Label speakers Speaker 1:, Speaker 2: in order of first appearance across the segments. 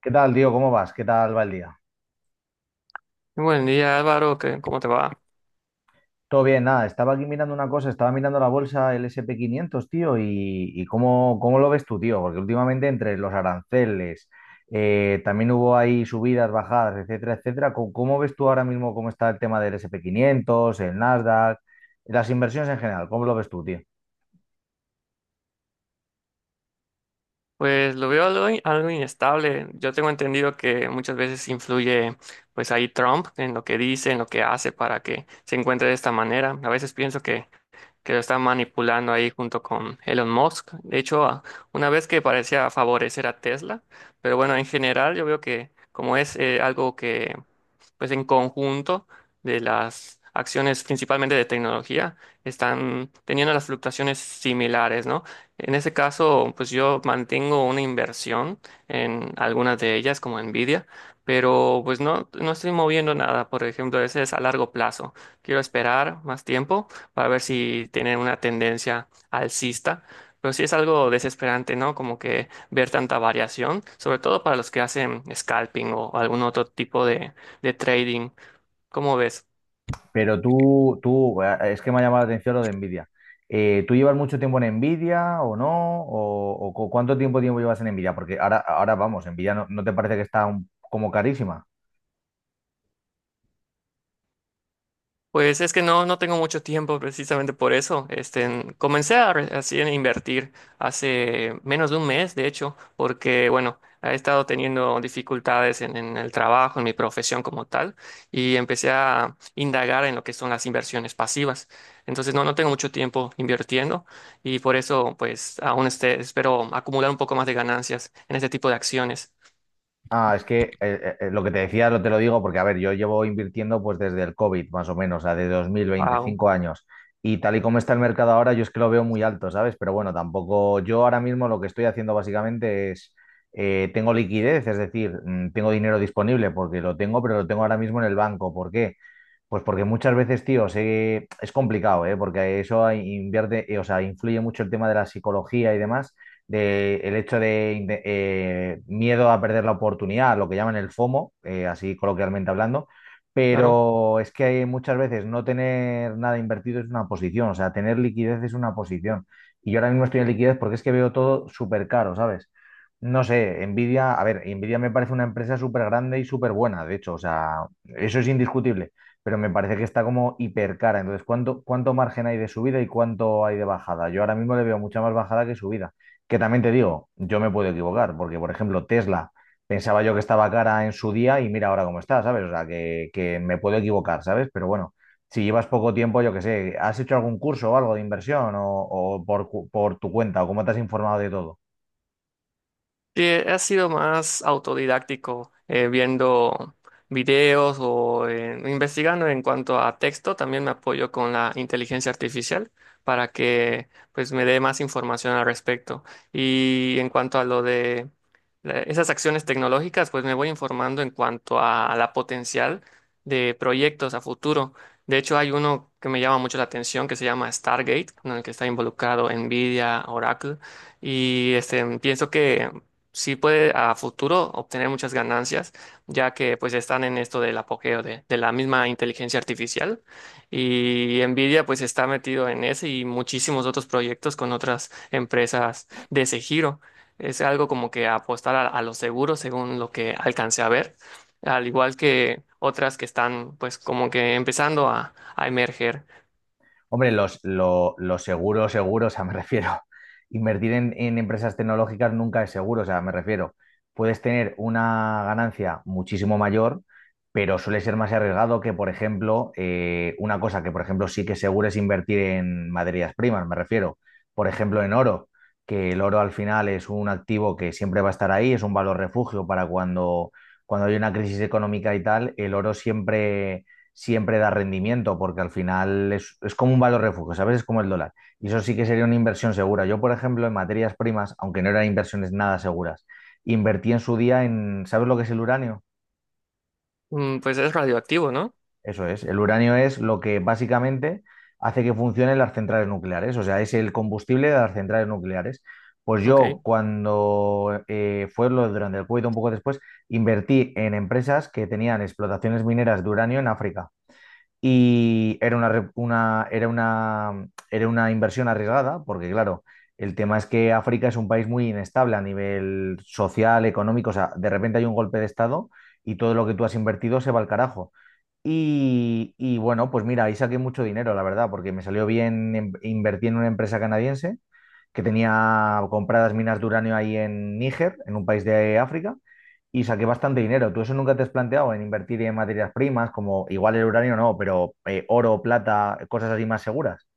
Speaker 1: ¿Qué tal, tío? ¿Cómo vas? ¿Qué tal va el día?
Speaker 2: Buen día, Álvaro, ¿cómo te va?
Speaker 1: Todo bien, nada. Estaba aquí mirando una cosa, estaba mirando la bolsa, el S&P 500, tío, y cómo, cómo lo ves tú, tío, porque últimamente entre los aranceles, también hubo ahí subidas, bajadas, etcétera, etcétera. ¿Cómo, cómo ves tú ahora mismo cómo está el tema del S&P 500, el Nasdaq, las inversiones en general? ¿Cómo lo ves tú, tío?
Speaker 2: Pues lo veo algo, algo inestable. Yo tengo entendido que muchas veces influye, pues ahí Trump en lo que dice, en lo que hace para que se encuentre de esta manera. A veces pienso que lo están manipulando ahí junto con Elon Musk. De hecho, una vez que parecía favorecer a Tesla, pero bueno, en general yo veo que como es algo que pues en conjunto de las acciones principalmente de tecnología están teniendo las fluctuaciones similares, ¿no? En ese caso, pues yo mantengo una inversión en algunas de ellas, como Nvidia, pero pues no estoy moviendo nada, por ejemplo, ese es a largo plazo. Quiero esperar más tiempo para ver si tienen una tendencia alcista. Pero sí es algo desesperante, ¿no? Como que ver tanta variación, sobre todo para los que hacen scalping o algún otro tipo de trading. ¿Cómo ves?
Speaker 1: Pero tú, es que me ha llamado la atención lo de Nvidia. ¿Tú llevas mucho tiempo en Nvidia o no? ¿O cuánto tiempo, tiempo llevas en Nvidia? Porque ahora, ahora vamos, Nvidia no te parece que está como carísima.
Speaker 2: Pues es que no tengo mucho tiempo precisamente por eso. Este, comencé así a invertir hace menos de un mes, de hecho, porque, bueno, he estado teniendo dificultades en el trabajo, en mi profesión como tal, y empecé a indagar en lo que son las inversiones pasivas. Entonces, no tengo mucho tiempo invirtiendo y por eso, pues, aún este, espero acumular un poco más de ganancias en este tipo de acciones.
Speaker 1: Ah, es que lo que te decía lo te lo digo porque, a ver, yo llevo invirtiendo pues desde el COVID, más o menos, o sea, de
Speaker 2: Wow.
Speaker 1: 2025 años. Y tal y como está el mercado ahora, yo es que lo veo muy alto, ¿sabes? Pero bueno, tampoco, yo ahora mismo lo que estoy haciendo básicamente es, tengo liquidez, es decir, tengo dinero disponible porque lo tengo, pero lo tengo ahora mismo en el banco. ¿Por qué? Pues porque muchas veces, tío, es complicado, ¿eh? Porque eso invierte, o sea, influye mucho el tema de la psicología y demás de el hecho de miedo a perder la oportunidad, lo que llaman el FOMO, así coloquialmente hablando, pero es que muchas veces no tener nada invertido es una posición, o sea, tener liquidez es una posición. Y yo ahora mismo estoy en liquidez porque es que veo todo súper caro, ¿sabes? No sé, Nvidia, a ver, Nvidia me parece una empresa súper grande y súper buena, de hecho, o sea, eso es indiscutible, pero me parece que está como hiper cara. Entonces, ¿cuánto, cuánto margen hay de subida y cuánto hay de bajada? Yo ahora mismo le veo mucha más bajada que subida. Que también te digo, yo me puedo equivocar, porque por ejemplo Tesla pensaba yo que estaba cara en su día y mira ahora cómo está, ¿sabes? O sea, que me puedo equivocar, ¿sabes? Pero bueno, si llevas poco tiempo, yo qué sé, ¿has hecho algún curso o algo de inversión o, o por tu cuenta o cómo te has informado de todo?
Speaker 2: Sí, he sido más autodidáctico, viendo videos o investigando en cuanto a texto. También me apoyo con la inteligencia artificial para que pues me dé más información al respecto. Y en cuanto a lo de esas acciones tecnológicas, pues me voy informando en cuanto a la potencial de proyectos a futuro. De hecho, hay uno que me llama mucho la atención que se llama Stargate, en el que está involucrado Nvidia, Oracle. Y este, pienso que sí puede a futuro obtener muchas ganancias, ya que pues están en esto del apogeo de la misma inteligencia artificial y Nvidia pues está metido en ese y muchísimos otros proyectos con otras empresas de ese giro. Es algo como que apostar a lo seguro según lo que alcancé a ver, al igual que otras que están pues como que empezando a emerger.
Speaker 1: Hombre, lo seguro, seguro, o sea, me refiero, invertir en empresas tecnológicas nunca es seguro, o sea, me refiero, puedes tener una ganancia muchísimo mayor, pero suele ser más arriesgado que, por ejemplo, una cosa que, por ejemplo, sí que es seguro es invertir en materias primas, me refiero, por ejemplo, en oro, que el oro al final es un activo que siempre va a estar ahí, es un valor refugio para cuando, cuando hay una crisis económica y tal, el oro siempre siempre da rendimiento, porque al final es como un valor refugio, ¿sabes? Es como el dólar. Y eso sí que sería una inversión segura. Yo, por ejemplo, en materias primas, aunque no eran inversiones nada seguras, invertí en su día en, ¿sabes lo que es el uranio?
Speaker 2: Mm, pues es radioactivo, ¿no?
Speaker 1: Eso es, el uranio es lo que básicamente hace que funcionen las centrales nucleares, o sea, es el combustible de las centrales nucleares. Pues
Speaker 2: Ok.
Speaker 1: yo cuando fue lo durante el COVID, un poco después, invertí en empresas que tenían explotaciones mineras de uranio en África. Y era una, re- una- era una, era una inversión arriesgada, porque claro, el tema es que África es un país muy inestable a nivel social, económico, o sea, de repente hay un golpe de estado y todo lo que tú has invertido se va al carajo. Y bueno, pues mira, ahí saqué mucho dinero, la verdad, porque me salió bien, invertí en una empresa canadiense que tenía compradas minas de uranio ahí en Níger, en un país de África, y saqué bastante dinero. ¿Tú eso nunca te has planteado en invertir en materias primas, como igual el uranio no, pero oro, plata, cosas así más seguras?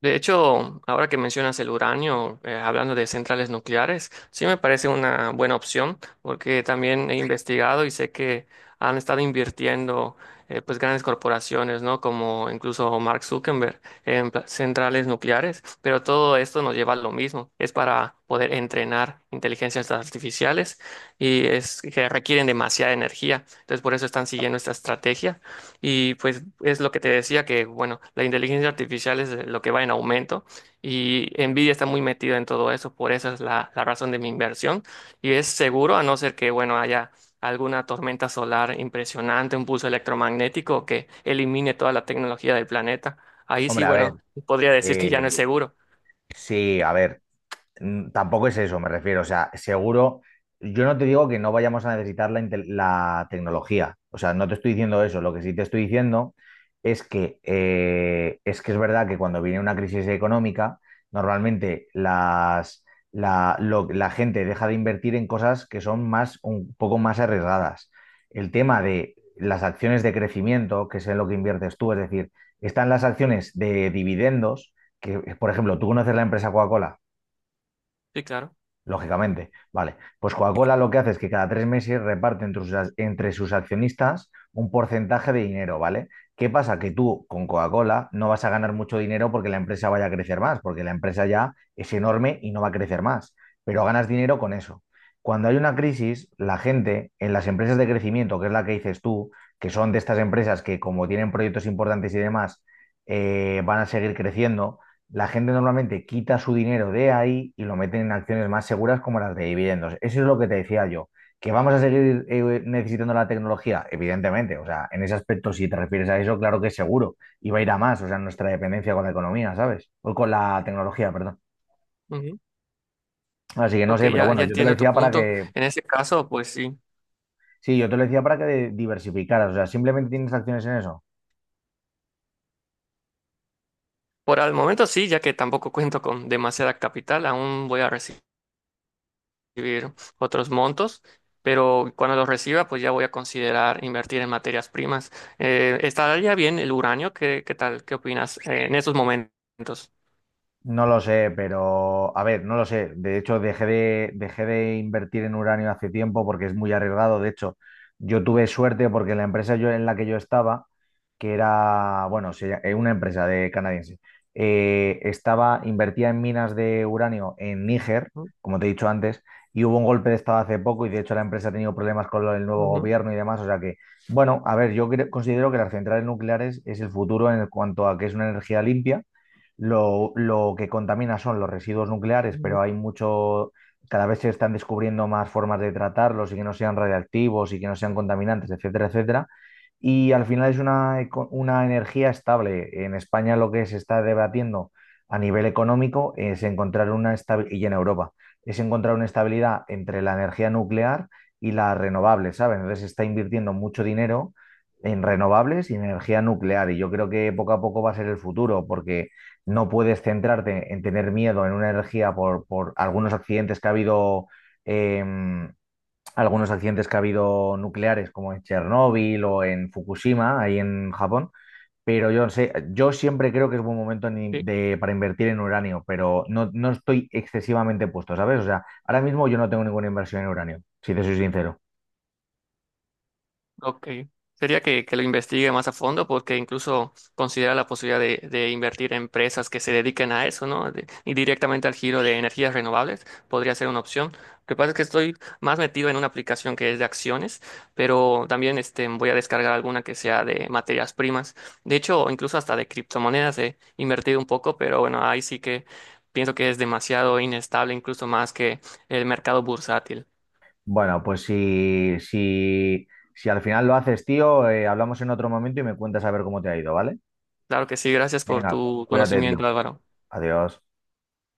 Speaker 2: De hecho, ahora que mencionas el uranio, hablando de centrales nucleares, sí me parece una buena opción porque también he investigado y sé que han estado invirtiendo pues grandes corporaciones, ¿no? Como incluso Mark Zuckerberg en centrales nucleares, pero todo esto nos lleva a lo mismo, es para poder entrenar inteligencias artificiales y es que requieren demasiada energía, entonces por eso están siguiendo esta estrategia y pues es lo que te decía que, bueno, la inteligencia artificial es lo que va en aumento y Nvidia está muy metida en todo eso, por eso es la razón de mi inversión. Y es seguro, a no ser que, bueno, haya alguna tormenta solar impresionante, un pulso electromagnético que elimine toda la tecnología del planeta. Ahí sí,
Speaker 1: Hombre, a ver,
Speaker 2: bueno, podría decir que
Speaker 1: eh,
Speaker 2: ya no es seguro.
Speaker 1: sí, a ver. Mm, tampoco es eso, me refiero. O sea, seguro, yo no te digo que no vayamos a necesitar la tecnología. O sea, no te estoy diciendo eso. Lo que sí te estoy diciendo es que, es que es verdad que cuando viene una crisis económica, normalmente la gente deja de invertir en cosas que son más, un poco más arriesgadas. El tema de las acciones de crecimiento, que es en lo que inviertes tú, es decir, están las acciones de dividendos, que, por ejemplo, tú conoces la empresa Coca-Cola.
Speaker 2: Sí, claro.
Speaker 1: Lógicamente, vale. Pues Coca-Cola lo que hace es que cada tres meses reparte entre entre sus accionistas un porcentaje de dinero, ¿vale? ¿Qué pasa? Que tú con Coca-Cola no vas a ganar mucho dinero porque la empresa vaya a crecer más, porque la empresa ya es enorme y no va a crecer más, pero ganas dinero con eso. Cuando hay una crisis, la gente en las empresas de crecimiento, que es la que dices tú, que son de estas empresas que como tienen proyectos importantes y demás, van a seguir creciendo la gente normalmente quita su dinero de ahí y lo mete en acciones más seguras como las de dividendos. Eso es lo que te decía yo. ¿Que vamos a seguir necesitando la tecnología? Evidentemente, o sea, en ese aspecto, si te refieres a eso, claro que es seguro. Y va a ir a más, o sea, nuestra dependencia con la economía, ¿sabes? O con la tecnología, perdón.
Speaker 2: Ujú.
Speaker 1: Así que no
Speaker 2: Ok,
Speaker 1: sé, pero bueno,
Speaker 2: ya
Speaker 1: yo te lo
Speaker 2: entiendo tu
Speaker 1: decía para
Speaker 2: punto.
Speaker 1: que,
Speaker 2: En ese caso, pues sí.
Speaker 1: sí, yo te lo decía para que diversificaras, o sea, simplemente tienes acciones en eso.
Speaker 2: Por el momento sí, ya que tampoco cuento con demasiada capital, aún voy a recibir otros montos, pero cuando los reciba, pues ya voy a considerar invertir en materias primas. ¿Estaría bien el uranio? ¿Qué, qué tal? ¿Qué opinas en esos momentos?
Speaker 1: No lo sé, pero a ver, no lo sé. De hecho, dejé de invertir en uranio hace tiempo porque es muy arriesgado. De hecho, yo tuve suerte porque la empresa yo, en la que yo estaba, que era, bueno, una empresa de canadiense, invertía en minas de uranio en Níger,
Speaker 2: Ujú,
Speaker 1: como te he dicho antes, y hubo un golpe de estado hace poco y de hecho la empresa ha tenido problemas con el nuevo
Speaker 2: ujú,
Speaker 1: gobierno y demás. O sea que, bueno, a ver, considero que las centrales nucleares es el futuro en cuanto a que es una energía limpia lo que contamina son los residuos nucleares, pero
Speaker 2: ujú.
Speaker 1: hay mucho, cada vez se están descubriendo más formas de tratarlos y que no sean radiactivos y que no sean contaminantes, etcétera, etcétera. Y al final es una energía estable. En España lo que se está debatiendo a nivel económico es encontrar una estabilidad, y en Europa, es encontrar una estabilidad entre la energía nuclear y la renovable, ¿sabes? Entonces se está invirtiendo mucho dinero en renovables y en energía nuclear. Y yo creo que poco a poco va a ser el futuro, porque no puedes centrarte en tener miedo en una energía por algunos accidentes que ha habido, em, algunos accidentes que ha habido nucleares, como en Chernóbil o en Fukushima, ahí en Japón. Pero yo sé, yo siempre creo que es buen momento en
Speaker 2: Sí.
Speaker 1: para invertir en uranio, pero no, no estoy excesivamente puesto, ¿sabes? O sea, ahora mismo yo no tengo ninguna inversión en uranio, si te soy sincero.
Speaker 2: Ok. Sería que lo investigue más a fondo porque incluso considera la posibilidad de invertir en empresas que se dediquen a eso, ¿no? Y directamente al giro de energías renovables podría ser una opción. Lo que pasa es que estoy más metido en una aplicación que es de acciones, pero también este, voy a descargar alguna que sea de materias primas. De hecho, incluso hasta de criptomonedas he invertido un poco, pero bueno, ahí sí que pienso que es demasiado inestable, incluso más que el mercado bursátil.
Speaker 1: Bueno, pues si al final lo haces, tío, hablamos en otro momento y me cuentas a ver cómo te ha ido, ¿vale?
Speaker 2: Claro que sí, gracias por
Speaker 1: Venga,
Speaker 2: tu
Speaker 1: cuídate,
Speaker 2: conocimiento,
Speaker 1: tío.
Speaker 2: Álvaro.
Speaker 1: Adiós.